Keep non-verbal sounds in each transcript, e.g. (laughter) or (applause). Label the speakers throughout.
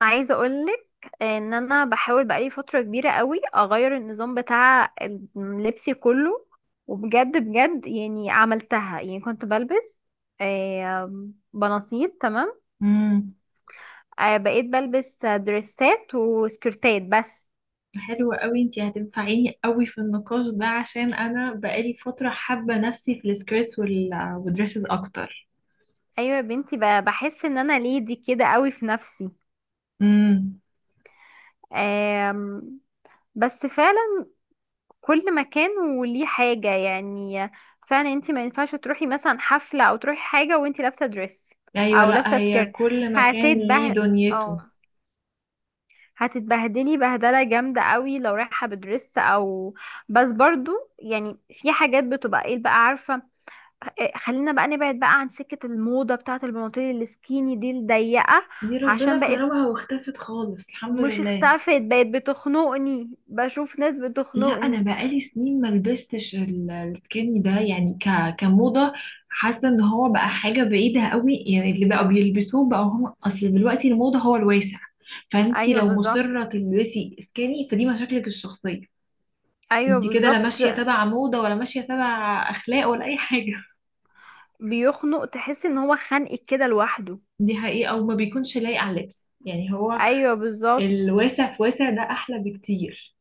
Speaker 1: عايزه اقولك ان انا بحاول بقالي فتره كبيره قوي اغير النظام بتاع لبسي كله. وبجد بجد يعني عملتها، يعني كنت بلبس بناطيل. تمام.
Speaker 2: امم.
Speaker 1: بقيت بلبس دريسات وسكرتات بس.
Speaker 2: حلوة قوي انتي، هتنفعيني قوي في النقاش ده عشان انا بقالي فترة حابة نفسي في السكريس والدريسز اكتر.
Speaker 1: ايوه يا بنتي، بحس ان انا ليدي كده قوي في نفسي.
Speaker 2: امم.
Speaker 1: آم، بس كل مكان وليه حاجة يعني. فعلا انت ما ينفعش تروحي مثلا حفلة او تروحي حاجة وانت لابسة دريس
Speaker 2: ايوه،
Speaker 1: او
Speaker 2: لا،
Speaker 1: لابسة
Speaker 2: هي
Speaker 1: سكيرت.
Speaker 2: كل مكان ليه
Speaker 1: هتتبه او
Speaker 2: دنيته.
Speaker 1: هتتبهدلي بهدلة جامدة قوي لو رايحة بدريس او. بس برضو يعني في حاجات بتبقى ايه بقى، عارفة. اه، خلينا بقى نبعد بقى عن سكة الموضة بتاعة البناطيل السكيني دي الضيقة،
Speaker 2: دي
Speaker 1: عشان
Speaker 2: ربنا
Speaker 1: بقت.
Speaker 2: كرمها واختفت خالص، الحمد
Speaker 1: مش
Speaker 2: لله.
Speaker 1: اختفت، بقت بتخنقني، بشوف ناس
Speaker 2: لا، انا
Speaker 1: بتخنقني.
Speaker 2: بقالي سنين ما لبستش السكيني ده، يعني كموضه حاسه ان هو بقى حاجه بعيده قوي. يعني اللي بقى بيلبسوه بقى هم، اصل دلوقتي الموضه هو الواسع. فانتي
Speaker 1: ايوه
Speaker 2: لو
Speaker 1: بالظبط،
Speaker 2: مصره تلبسي سكيني فدي مشاكلك الشخصيه.
Speaker 1: ايوه
Speaker 2: انتي كده لا
Speaker 1: بالظبط.
Speaker 2: ماشيه تبع موضه، ولا ماشيه تبع اخلاق، ولا اي حاجه.
Speaker 1: بيخنق، تحس ان هو خانقك كده لوحده.
Speaker 2: (laughs) دي حقيقه، او ما بيكونش لايق على اللبس. يعني هو
Speaker 1: ايوه بالظبط.
Speaker 2: الواسع في واسع ده احلى بكتير.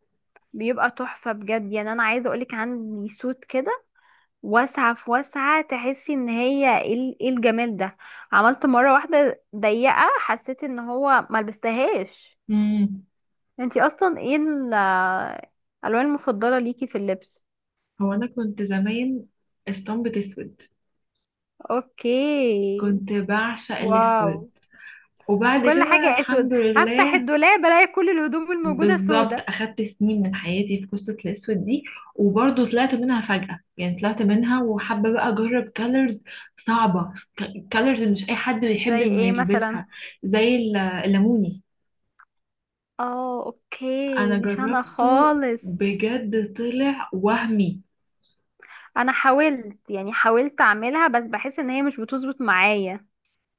Speaker 1: بيبقى تحفة بجد. يعني انا عايزة اقولك عندي سوت كده واسعة في واسعة، تحسي ان هي ايه إيه الجمال ده. عملت مرة واحدة ضيقة، حسيت ان هو ملبستهاش.
Speaker 2: امم.
Speaker 1: انتي اصلا ايه الالوان المفضلة ليكي في اللبس؟
Speaker 2: هو انا كنت زمان اسطمبة اسود.
Speaker 1: اوكي.
Speaker 2: كنت بعشق الاسود،
Speaker 1: واو.
Speaker 2: وبعد
Speaker 1: كل
Speaker 2: كده
Speaker 1: حاجة اسود،
Speaker 2: الحمد
Speaker 1: هفتح
Speaker 2: لله.
Speaker 1: الدولاب الاقي كل الهدوم الموجودة
Speaker 2: بالظبط،
Speaker 1: سودة.
Speaker 2: اخدت سنين من حياتي في قصة الاسود دي. وبرضه طلعت منها فجأة، يعني طلعت منها وحابة بقى اجرب كالرز. صعبة. كالرز مش اي حد بيحب
Speaker 1: زي
Speaker 2: انه
Speaker 1: ايه مثلا؟
Speaker 2: يلبسها. زي الليموني.
Speaker 1: اه اوكي،
Speaker 2: انا
Speaker 1: مش انا
Speaker 2: جربته،
Speaker 1: خالص.
Speaker 2: بجد طلع وهمي.
Speaker 1: انا حاولت، يعني حاولت اعملها، بس بحس ان هي مش بتظبط معايا.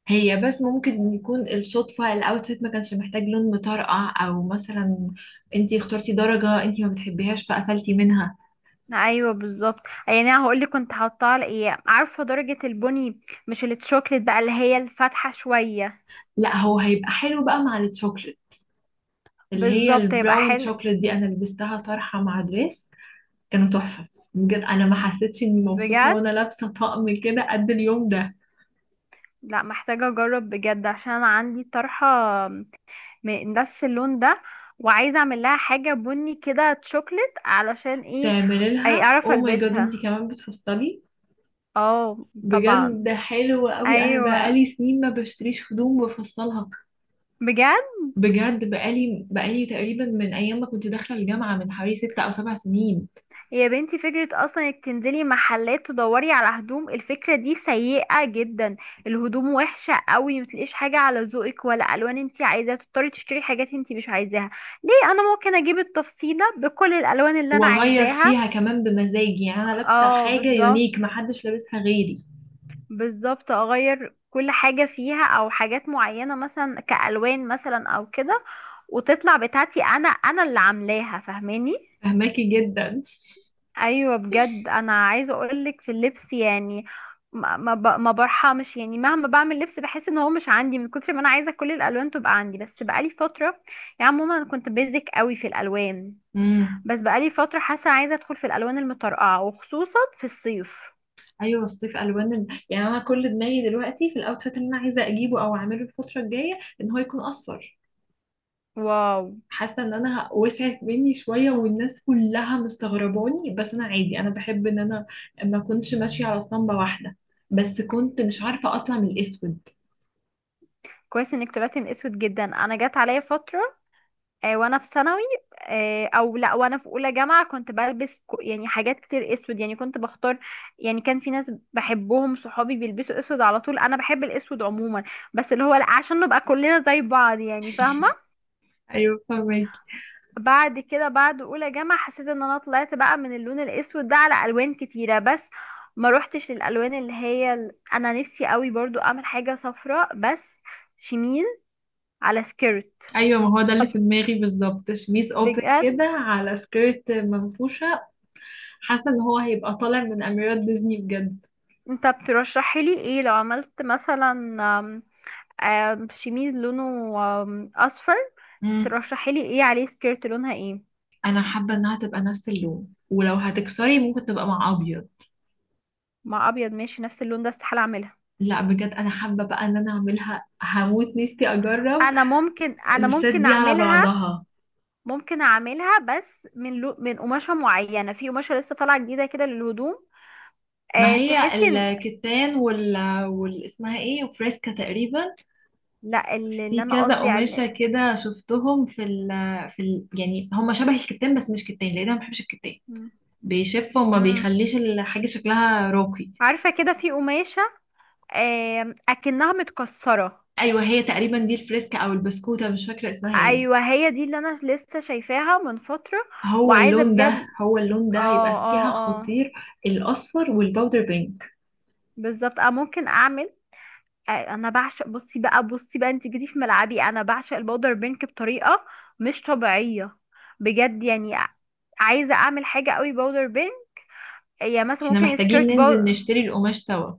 Speaker 2: هي بس ممكن يكون الصدفة الاوتفيت ما كانش محتاج لون مطرقع، او مثلا انتي اخترتي درجة انتي ما بتحبيهاش فقفلتي منها.
Speaker 1: ايوه بالظبط. يعني انا هقول لك كنت حاطاها على ايه، عارفه درجه البني؟ مش اللي الشوكليت بقى اللي هي الفاتحه شويه.
Speaker 2: لا، هو هيبقى حلو بقى مع الشوكليت، اللي هي
Speaker 1: بالظبط هيبقى
Speaker 2: البراون
Speaker 1: حلو.
Speaker 2: شوكليت دي، انا لبستها طرحه مع دريس. كانوا تحفه. بجد، انا ما حسيتش اني مبسوطه
Speaker 1: بجد.
Speaker 2: وانا لابسه طقم كده قد اليوم ده.
Speaker 1: لا محتاجه اجرب بجد، عشان انا عندي طرحه من نفس اللون ده، وعايزه اعمل لها حاجه بني كده شوكليت، علشان ايه.
Speaker 2: تعملي
Speaker 1: اي
Speaker 2: لها،
Speaker 1: اعرف
Speaker 2: او ماي جاد
Speaker 1: البسها.
Speaker 2: انتي كمان بتفصلي؟
Speaker 1: اه
Speaker 2: بجد
Speaker 1: طبعا.
Speaker 2: ده حلو قوي، انا
Speaker 1: ايوه
Speaker 2: بقالي سنين ما بشتريش هدوم بفصلها.
Speaker 1: بجد.
Speaker 2: بجد بقالي تقريبا من ايام ما كنت داخله الجامعه، من حوالي 6 او 7 سنين.
Speaker 1: يا بنتي فكرة أصلا إنك تنزلي محلات تدوري على هدوم الفكرة دي سيئة جدا. الهدوم وحشة قوي، متلاقيش حاجة على ذوقك ولا ألوان انتي عايزاها، تضطري تشتري حاجات انتي مش عايزاها. ليه؟ أنا ممكن أجيب التفصيلة بكل الألوان اللي أنا
Speaker 2: واغير
Speaker 1: عايزاها.
Speaker 2: فيها كمان بمزاجي، يعني انا لابسه
Speaker 1: اه
Speaker 2: حاجه
Speaker 1: بالظبط.
Speaker 2: يونيك محدش لابسها غيري.
Speaker 1: بالظبط، أغير كل حاجة فيها أو حاجات معينة مثلا كألوان مثلا أو كده. وتطلع بتاعتي أنا، أنا اللي عاملاها، فاهماني.
Speaker 2: فهماكي جدا.
Speaker 1: ايوه بجد، انا عايزه اقولك في اللبس يعني ما برحمش. يعني مهما بعمل لبس بحس ان هو مش عندي، من كتر ما انا عايزه كل الالوان تبقى عندي. بس بقالي فتره يعني عموما انا كنت بيزك قوي في الالوان.
Speaker 2: امم.
Speaker 1: بس بقالي فتره حاسه عايزه ادخل في الالوان المطرقعه، وخصوصا في الصيف.
Speaker 2: ايوه، الصيف الوان يعني انا كل دماغي دلوقتي في الاوتفيت اللي انا عايزه اجيبه او اعمله الفتره الجايه ان هو يكون اصفر.
Speaker 1: واو.
Speaker 2: حاسه ان انا وسعت مني شويه، والناس كلها مستغرباني، بس انا عادي، انا بحب ان انا ما اكونش ماشيه على اسطمبه واحده. بس كنت مش عارفه اطلع من الاسود.
Speaker 1: كويس انك طلعتي من اسود. جدا، انا جت عليا فتره، وانا في ثانوي، او لا وانا في اولى جامعه، كنت بلبس يعني حاجات كتير اسود. يعني كنت بختار، يعني كان في ناس بحبهم صحابي بيلبسوا اسود على طول. انا بحب الاسود عموما بس اللي هو لا عشان نبقى كلنا زي بعض، يعني فاهمه.
Speaker 2: ايوه، فاهمك.
Speaker 1: بعد كده، بعد اولى جامعه، حسيت ان انا طلعت بقى من اللون الاسود ده على الوان كتيره، بس ما روحتش للالوان اللي هي انا نفسي قوي برضو اعمل حاجه صفراء، بس شميل على سكيرت.
Speaker 2: ايوه، ما هو ده اللي
Speaker 1: طب
Speaker 2: في دماغي بالظبط، شميس اوبن
Speaker 1: بجد.
Speaker 2: كده على سكيرت منفوشه. حاسه ان هو هيبقى طالع من اميرات ديزني بجد.
Speaker 1: انت بترشحي لي ايه لو عملت مثلا آم، آم، شميز لونه اصفر، ترشحي لي ايه عليه؟ سكيرت لونها ايه؟
Speaker 2: انا حابه انها تبقى نفس اللون، ولو هتكسري ممكن تبقى مع ابيض.
Speaker 1: مع ابيض ماشي. نفس اللون ده استحالة اعملها.
Speaker 2: لا بجد، انا حابه بقى ان انا اعملها، هموت نفسي اجرب.
Speaker 1: انا ممكن انا
Speaker 2: الست
Speaker 1: ممكن
Speaker 2: دي على
Speaker 1: اعملها.
Speaker 2: بعضها.
Speaker 1: ممكن اعملها بس من، لو من قماشة معينة، في قماشة لسه طالعة جديدة كده للهدوم.
Speaker 2: ما
Speaker 1: أه
Speaker 2: هي
Speaker 1: تحسي ان،
Speaker 2: الكتان وال اسمها ايه، وفريسكا تقريبا.
Speaker 1: لا اللي،
Speaker 2: في
Speaker 1: اللي انا
Speaker 2: كذا
Speaker 1: قصدي
Speaker 2: قماشه
Speaker 1: على
Speaker 2: كده شفتهم في ال. يعني هم شبه الكتان بس مش كتان لان انا ما بحبش الكتان.
Speaker 1: مم.
Speaker 2: بيشف وما
Speaker 1: مم.
Speaker 2: بيخليش الحاجه شكلها راقي.
Speaker 1: عارفة كده في قماشة أه اكنها متكسرة.
Speaker 2: ايوه، هي تقريبا دي الفريسكا او البسكوته، مش فاكره اسمها ايه.
Speaker 1: ايوه هي دي اللي انا لسه شايفاها من فتره.
Speaker 2: هو
Speaker 1: وعايزه
Speaker 2: اللون ده
Speaker 1: بجد،
Speaker 2: هو اللون ده هيبقى
Speaker 1: اه
Speaker 2: فيها
Speaker 1: اه، اه
Speaker 2: خطير. الأصفر والباودر بينك.
Speaker 1: بالظبط، اه ممكن اعمل. انا بعشق، بصي بقى انت جيتي في ملعبي. انا بعشق البودر بينك بطريقه مش طبيعيه بجد. يعني عايزه اعمل حاجه قوي بودر بينك، هي مثلا
Speaker 2: احنا
Speaker 1: ممكن
Speaker 2: محتاجين
Speaker 1: سكيرت.
Speaker 2: ننزل نشتري القماش سوا.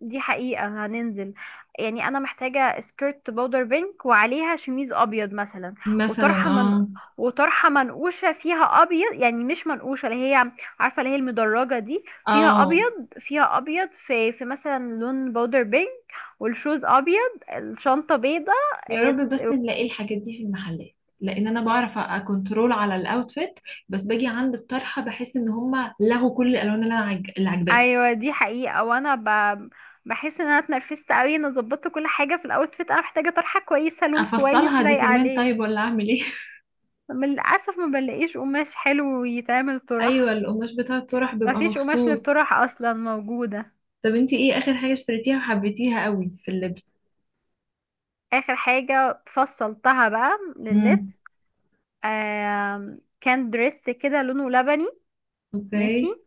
Speaker 1: دي حقيقة هننزل. يعني أنا محتاجة سكيرت بودر بينك وعليها شميز أبيض مثلا.
Speaker 2: مثلا،
Speaker 1: وطرحة من
Speaker 2: اه.
Speaker 1: وطرحة منقوشة فيها أبيض، يعني مش منقوشة اللي هي، عارفة اللي هي المدرجة دي فيها
Speaker 2: اه.
Speaker 1: أبيض، فيها أبيض، في مثلا لون بودر بينك، والشوز أبيض، الشنطة بيضة.
Speaker 2: يا
Speaker 1: إيه،
Speaker 2: رب بس نلاقي الحاجات دي في المحلات، لان انا بعرف اكنترول على الاوتفيت، بس باجي عند الطرحه بحس ان هما لغوا كل الالوان اللي انا اللي عجباني.
Speaker 1: أيوة دي حقيقة. بحس إن أنا اتنرفزت أوي. أنا ظبطت كل حاجة في الأوتفيت، أنا محتاجة طرحة كويسة، لون كويس
Speaker 2: افصلها دي
Speaker 1: لايق
Speaker 2: كمان
Speaker 1: عليه.
Speaker 2: طيب، ولا اعمل ايه؟
Speaker 1: للأسف ما بلاقيش قماش حلو يتعمل
Speaker 2: (laughs) ايوه،
Speaker 1: طرح.
Speaker 2: القماش بتاع الطرح
Speaker 1: ما
Speaker 2: بيبقى
Speaker 1: فيش قماش
Speaker 2: مخصوص.
Speaker 1: للطرح أصلا موجودة.
Speaker 2: طب انتي ايه اخر حاجه اشتريتيها وحبيتيها قوي في اللبس؟
Speaker 1: آخر حاجة فصلتها بقى لللب،
Speaker 2: امم.
Speaker 1: آه كان دريس كده لونه لبني. ماشي.
Speaker 2: اوكي.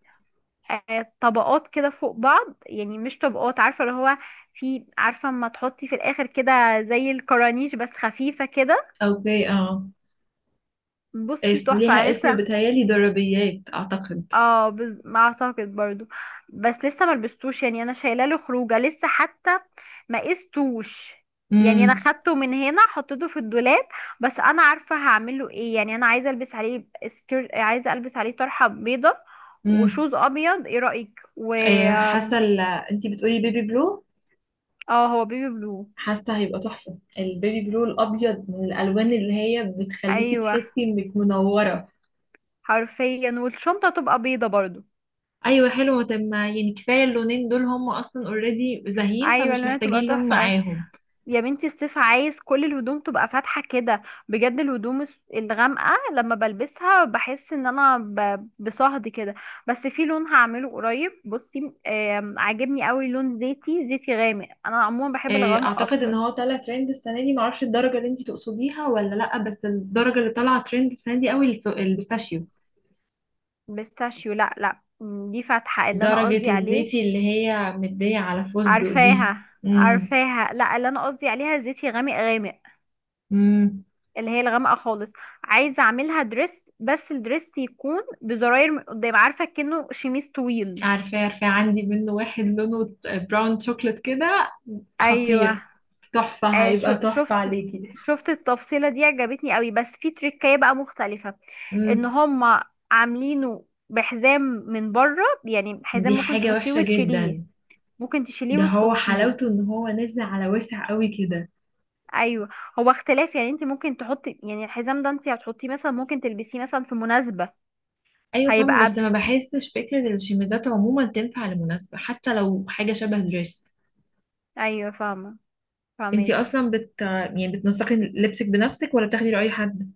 Speaker 1: آه طبقات كده فوق بعض، يعني مش طبقات، عارفة اللي هو في، عارفة اما تحطي في الآخر كده زي الكرانيش بس خفيفة كده.
Speaker 2: اوكي، اه.
Speaker 1: بصي تحفة.
Speaker 2: ليها
Speaker 1: أنا
Speaker 2: اسم
Speaker 1: لسه،
Speaker 2: بتهيألي ضربيات، أعتقد.
Speaker 1: ما اعتقد برضو. بس لسه ما لبستوش، يعني انا شايله له خروجه لسه حتى، ما قستوش. يعني انا
Speaker 2: امم.
Speaker 1: خدته من هنا حطيته في الدولاب، بس انا عارفه هعمل له ايه. يعني انا عايزه البس عليه سكير، عايزه البس عليه طرحه بيضه
Speaker 2: امم.
Speaker 1: وشوز ابيض، ايه رايك؟ و
Speaker 2: آه، حاسة انتي بتقولي بيبي بلو.
Speaker 1: اه هو بيبي بلو.
Speaker 2: حاسة هيبقى تحفة، البيبي بلو الأبيض من الألوان اللي هي بتخليكي
Speaker 1: ايوه
Speaker 2: تحسي إنك منورة.
Speaker 1: حرفيا، والشنطه تبقى بيضه برضو.
Speaker 2: أيوة حلوة. طب ما يعني كفاية اللونين دول، هم أصلا اوريدي زاهيين
Speaker 1: ايوه
Speaker 2: فمش
Speaker 1: لونها تبقى
Speaker 2: محتاجين لون
Speaker 1: تحفه.
Speaker 2: معاهم.
Speaker 1: يا بنتي الصيف عايز كل الهدوم تبقى فاتحة كده بجد. الهدوم الغامقة لما بلبسها بحس ان انا بصهد كده. بس في لون هعمله قريب، بصي عاجبني قوي، لون زيتي، زيتي غامق، انا عموما بحب
Speaker 2: آه،
Speaker 1: الغامق
Speaker 2: أعتقد إن
Speaker 1: اكتر.
Speaker 2: هو طالع ترند السنة دي، معرفش الدرجة اللي انتي تقصديها ولا لأ، بس الدرجة اللي طالعة ترند السنة دي قوي البيستاشيو.
Speaker 1: بيستاشيو؟ لا لا دي فاتحة اللي انا قصدي
Speaker 2: درجة
Speaker 1: عليه.
Speaker 2: الزيتي اللي هي مدية على فستق دي.
Speaker 1: عارفاها
Speaker 2: امم.
Speaker 1: عارفاها، لا اللي انا قصدي عليها زيتي غامق غامق،
Speaker 2: امم.
Speaker 1: اللي هي الغامقة خالص. عايزة اعملها دريس، بس الدريس يكون بزراير من قدام، عارفة كأنه شميس طويل.
Speaker 2: عارفاه عارفاه، عندي منه واحد لونه براون شوكليت كده،
Speaker 1: ايوه.
Speaker 2: خطير. تحفة،
Speaker 1: آه
Speaker 2: هيبقى تحفة
Speaker 1: شفت،
Speaker 2: عليكي.
Speaker 1: شفت التفصيله دي عجبتني قوي، بس في تريكايه بقى مختلفه، ان
Speaker 2: امم.
Speaker 1: هم عاملينه بحزام من بره. يعني حزام
Speaker 2: دي
Speaker 1: ممكن
Speaker 2: حاجة
Speaker 1: تحطيه
Speaker 2: وحشة
Speaker 1: وتشيليه،
Speaker 2: جدا.
Speaker 1: ممكن تشيليه
Speaker 2: ده هو
Speaker 1: وتحطيه.
Speaker 2: حلاوته ان هو نازل على واسع قوي كده.
Speaker 1: ايوه هو اختلاف. يعني انت ممكن تحطي، يعني الحزام ده انت هتحطيه مثلا، ممكن تلبسيه مثلا في مناسبه.
Speaker 2: ايوه فاهمة،
Speaker 1: هيبقى
Speaker 2: بس ما
Speaker 1: بف...
Speaker 2: بحسش فكرة الشميزات عموما تنفع لمناسبة، حتى لو حاجة شبه دريس.
Speaker 1: ايوه فاهمه،
Speaker 2: انتي
Speaker 1: فاهمك.
Speaker 2: اصلا يعني بتنسقي لبسك بنفسك ولا بتاخدي رأي حد؟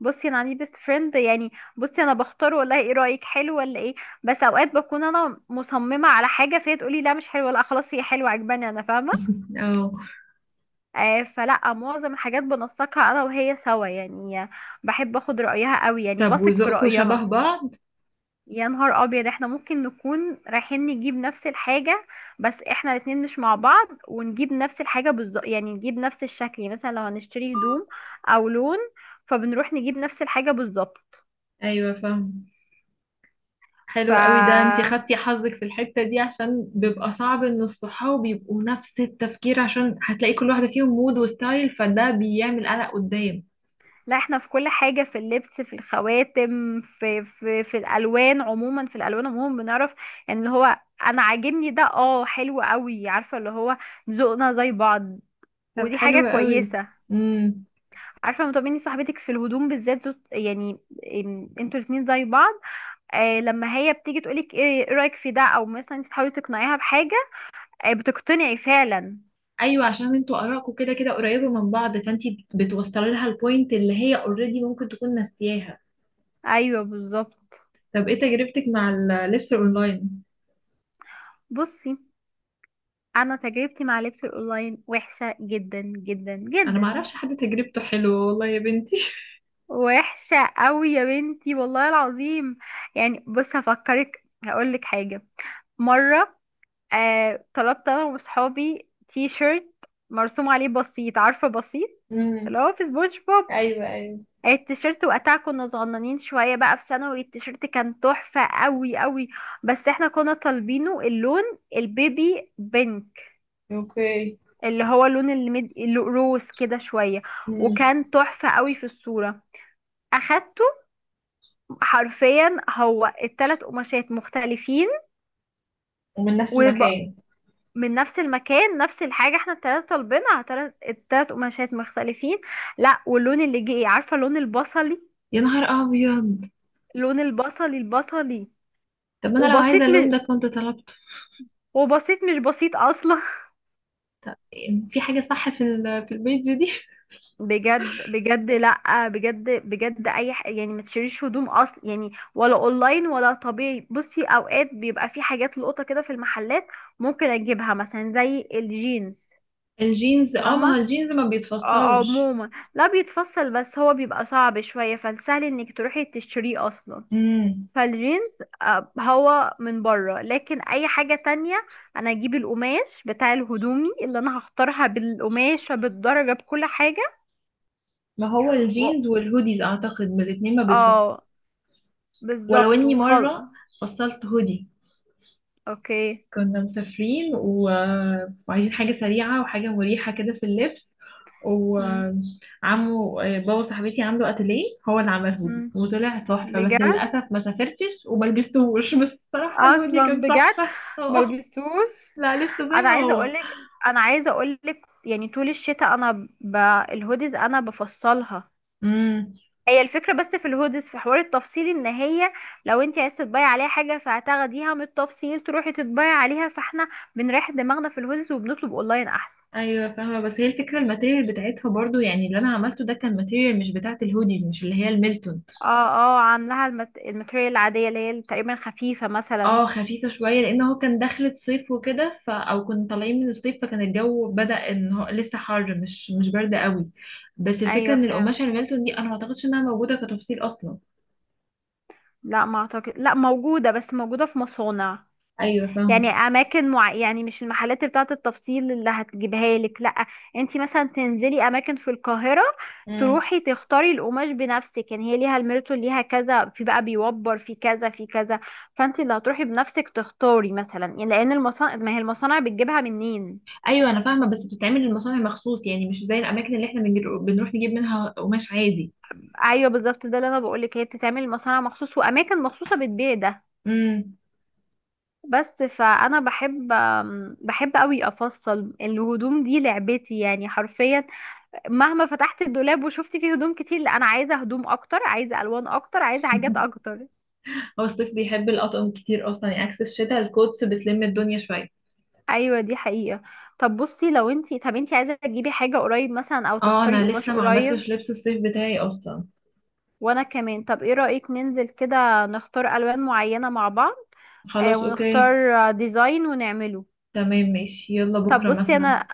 Speaker 1: بصي انا عندي بيست فريند يعني. بصي انا بختار، والله ايه رايك، حلو ولا ايه؟ بس اوقات بكون انا مصممه على حاجه فهي تقولي لا مش حلوه، لا خلاص هي حلوه عجباني انا فاهمه.
Speaker 2: اه.
Speaker 1: آه فلا معظم الحاجات بنسقها انا وهي سوا يعني. بحب اخد رايها قوي، يعني
Speaker 2: طب
Speaker 1: بثق في
Speaker 2: وذوقكوا
Speaker 1: رايها.
Speaker 2: شبه بعض؟
Speaker 1: يا نهار ابيض، احنا ممكن نكون رايحين نجيب نفس الحاجه. بس احنا الاتنين مش مع بعض، ونجيب نفس الحاجه بالظبط، يعني نجيب نفس الشكل، يعني مثلا لو هنشتري هدوم او لون، فبنروح نجيب نفس الحاجه بالظبط.
Speaker 2: ايوه فاهم.
Speaker 1: ف
Speaker 2: حلو قوي ده، انتي خدتي حظك في الحتة دي، عشان بيبقى صعب ان الصحاب يبقوا نفس التفكير، عشان هتلاقي كل واحدة فيهم مود وستايل، فده بيعمل قلق قدام.
Speaker 1: لا احنا في كل حاجة، في اللبس، في الخواتم، في في الألوان عموما، في الألوان عموما بنعرف يعني اللي هو أنا عاجبني ده، اه حلو قوي، عارفة اللي هو ذوقنا زي بعض،
Speaker 2: طب
Speaker 1: ودي حاجة
Speaker 2: حلو قوي.
Speaker 1: كويسة.
Speaker 2: امم.
Speaker 1: عارفة مطمني صاحبتك في الهدوم بالذات يعني انتوا الاتنين زي بعض. آه لما هي بتيجي تقولك ايه، إيه رأيك في ده، او مثلا انت تحاولي تقنعيها بحاجة، آه بتقتنعي فعلا.
Speaker 2: ايوه، عشان انتوا ارائكم كده كده قريبة من بعض، فانتي بتوصلي لها البوينت اللي هي اوريدي ممكن تكون ناسياها.
Speaker 1: ايوه بالظبط.
Speaker 2: طب ايه تجربتك مع اللبس الاونلاين؟
Speaker 1: بصي انا تجربتي مع لبس الاونلاين وحشة جدا جدا
Speaker 2: انا ما
Speaker 1: جدا.
Speaker 2: اعرفش حد تجربته حلوه والله يا بنتي. (laughs)
Speaker 1: وحشة قوي يا بنتي، والله العظيم. يعني بص هفكرك هقولك حاجة. مرة آه طلبت انا وصحابي تي شيرت مرسوم عليه بسيط، عارفة بسيط، اللي
Speaker 2: امم.
Speaker 1: هو في سبونج بوب.
Speaker 2: ايوه، ايوه.
Speaker 1: التيشيرت وقتها كنا صغننين شوية بقى في ثانوي، التيشيرت كان تحفة قوي قوي، بس احنا كنا طالبينه اللون البيبي بينك،
Speaker 2: اوكي.
Speaker 1: اللي هو اللي روز كده شوية،
Speaker 2: امم.
Speaker 1: وكان تحفة قوي في الصورة. اخدته، حرفيا هو التلات قماشات مختلفين.
Speaker 2: ومن نفس
Speaker 1: وب...
Speaker 2: المكان.
Speaker 1: من نفس المكان، نفس الحاجة، احنا التلاتة طالبينها، التلات قماشات مختلفين. لا واللون اللي جه ايه، عارفة لون البصلي،
Speaker 2: يا نهار ابيض.
Speaker 1: لون البصلي، البصلي.
Speaker 2: طب انا لو
Speaker 1: وبسيط
Speaker 2: عايزه اللون
Speaker 1: مش
Speaker 2: ده كنت طلبته.
Speaker 1: وبسيط مش بسيط اصلا (laughs)
Speaker 2: في حاجه صح في في البيتزا دي.
Speaker 1: بجد بجد، لا بجد بجد اي يعني ما تشتريش هدوم اصلا، يعني ولا اونلاين ولا طبيعي. بصي اوقات بيبقى في حاجات لقطة كده في المحلات، ممكن اجيبها مثلا زي الجينز.
Speaker 2: (laughs) الجينز، اه، ما هو
Speaker 1: فاهمة.
Speaker 2: الجينز ما بيتفصلش.
Speaker 1: عموما لا بيتفصل بس هو بيبقى صعب شوية، فالسهل انك تروحي تشتريه اصلا.
Speaker 2: امم.
Speaker 1: فالجينز هو من بره. لكن اي حاجة تانية انا اجيب القماش بتاع الهدومي اللي انا هختارها، بالقماش بالدرجة بكل حاجة.
Speaker 2: ما هو
Speaker 1: و...
Speaker 2: الجينز والهوديز، اعتقد من الاتنين ما بيتفصلش.
Speaker 1: اه
Speaker 2: ولو
Speaker 1: بالظبط
Speaker 2: اني
Speaker 1: وخلاص.
Speaker 2: مره فصلت هودي،
Speaker 1: اوكي.
Speaker 2: كنا مسافرين وعايزين حاجه سريعه وحاجه مريحه كده في اللبس.
Speaker 1: مم.
Speaker 2: وعمو بابا صاحبتي عنده اتيليه، هو اللي عمل هودي
Speaker 1: مم.
Speaker 2: وطلع تحفه، بس
Speaker 1: بجد
Speaker 2: للاسف ما سافرتش وما لبستهوش. (laughs) بس الصراحه الهودي
Speaker 1: اصلا
Speaker 2: كان
Speaker 1: بجد
Speaker 2: تحفه. (laughs) اه.
Speaker 1: ملبستوش.
Speaker 2: لا لسه زي
Speaker 1: انا
Speaker 2: ما
Speaker 1: عايزة
Speaker 2: هو.
Speaker 1: اقولك انا عايزة اقولك يعني طول الشتاء انا ب... الهوديز انا بفصلها.
Speaker 2: امم.
Speaker 1: هي الفكرة بس في الهودس في حوار التفصيل، ان هي لو انت عايزة تطبعي عليها حاجة فهتاخديها من التفصيل تروحي تطبعي عليها. فاحنا بنريح دماغنا في الهودس وبنطلب اونلاين احسن.
Speaker 2: ايوه فاهمه، بس هي الفكره الماتيريال بتاعتها برضو، يعني اللي انا عملته ده كان ماتيريال مش بتاعه الهوديز، مش اللي هي الميلتون.
Speaker 1: اه اه عاملاها الماتريال العادية اللي هي تقريبا خفيفة مثلا.
Speaker 2: اه خفيفه شويه، لان هو كان دخلة صيف وكده، ف او كنا طالعين من الصيف، فكان الجو بدأ ان هو لسه حر، مش برد قوي. بس الفكره
Speaker 1: ايوه
Speaker 2: ان
Speaker 1: فاهم.
Speaker 2: القماشه الميلتون دي انا ما اعتقدش انها موجوده كتفصيل اصلا.
Speaker 1: لا ما اعتقد، لا موجودة بس موجودة في مصانع.
Speaker 2: ايوه
Speaker 1: يعني
Speaker 2: فاهمه.
Speaker 1: اماكن يعني مش المحلات بتاعه التفصيل اللي هتجيبها لك، لا. انت مثلا تنزلي اماكن في القاهره،
Speaker 2: امم.
Speaker 1: تروحي تختاري القماش بنفسك. يعني هي ليها الميرتو، ليها كذا، في بقى بيوبر، في كذا في كذا. فانت اللي هتروحي بنفسك تختاري مثلا، يعني لان المصانع، ما هي المصانع بتجيبها منين.
Speaker 2: ايوه انا فاهمه، بس بتتعمل للمصانع مخصوص، يعني مش زي الاماكن اللي احنا بنروح نجيب منها قماش عادي.
Speaker 1: ايوه بالظبط، ده اللي انا بقولك، هي بتتعمل مصانع مخصوص، واماكن مخصوصه بتبيع ده.
Speaker 2: امم.
Speaker 1: بس فانا بحب قوي افصل الهدوم، دي لعبتي يعني حرفيا. مهما فتحت الدولاب وشفت فيه هدوم كتير، لا انا عايزه هدوم اكتر، عايزه الوان اكتر، عايزه حاجات
Speaker 2: (laughs)
Speaker 1: اكتر.
Speaker 2: هو الصيف بيحب الأطقم كتير أصلا، يعني عكس الشتاء الكوتس بتلم الدنيا شوية.
Speaker 1: ايوه دي حقيقه. طب بصي لو انتي، طب انتي عايزه تجيبي حاجه قريب مثلا، او
Speaker 2: اه
Speaker 1: تختاري
Speaker 2: أنا
Speaker 1: قماش
Speaker 2: لسه ما
Speaker 1: قريب.
Speaker 2: عملتش لبس الصيف بتاعي أصلا.
Speaker 1: وانا كمان. طب ايه رايك ننزل كده نختار الوان معينه مع بعض. آه
Speaker 2: خلاص أوكي.
Speaker 1: ونختار ديزاين ونعمله.
Speaker 2: تمام ماشي، يلا
Speaker 1: طب
Speaker 2: بكرة
Speaker 1: بصي
Speaker 2: مثلا.
Speaker 1: انا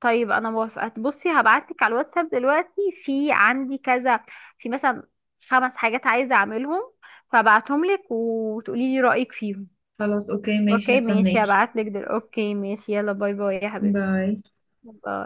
Speaker 1: طيب انا موافقه. بصي هبعتلك على الواتساب دلوقتي، في عندي كذا، في مثلا خمس حاجات عايزه اعملهم، فبعتهم لك وتقولي لي رايك فيهم.
Speaker 2: خلاص أوكي ماشي، هستناكي.
Speaker 1: اوكي ماشي يلا، باي باي يا حبيبتي.
Speaker 2: باي.
Speaker 1: باي.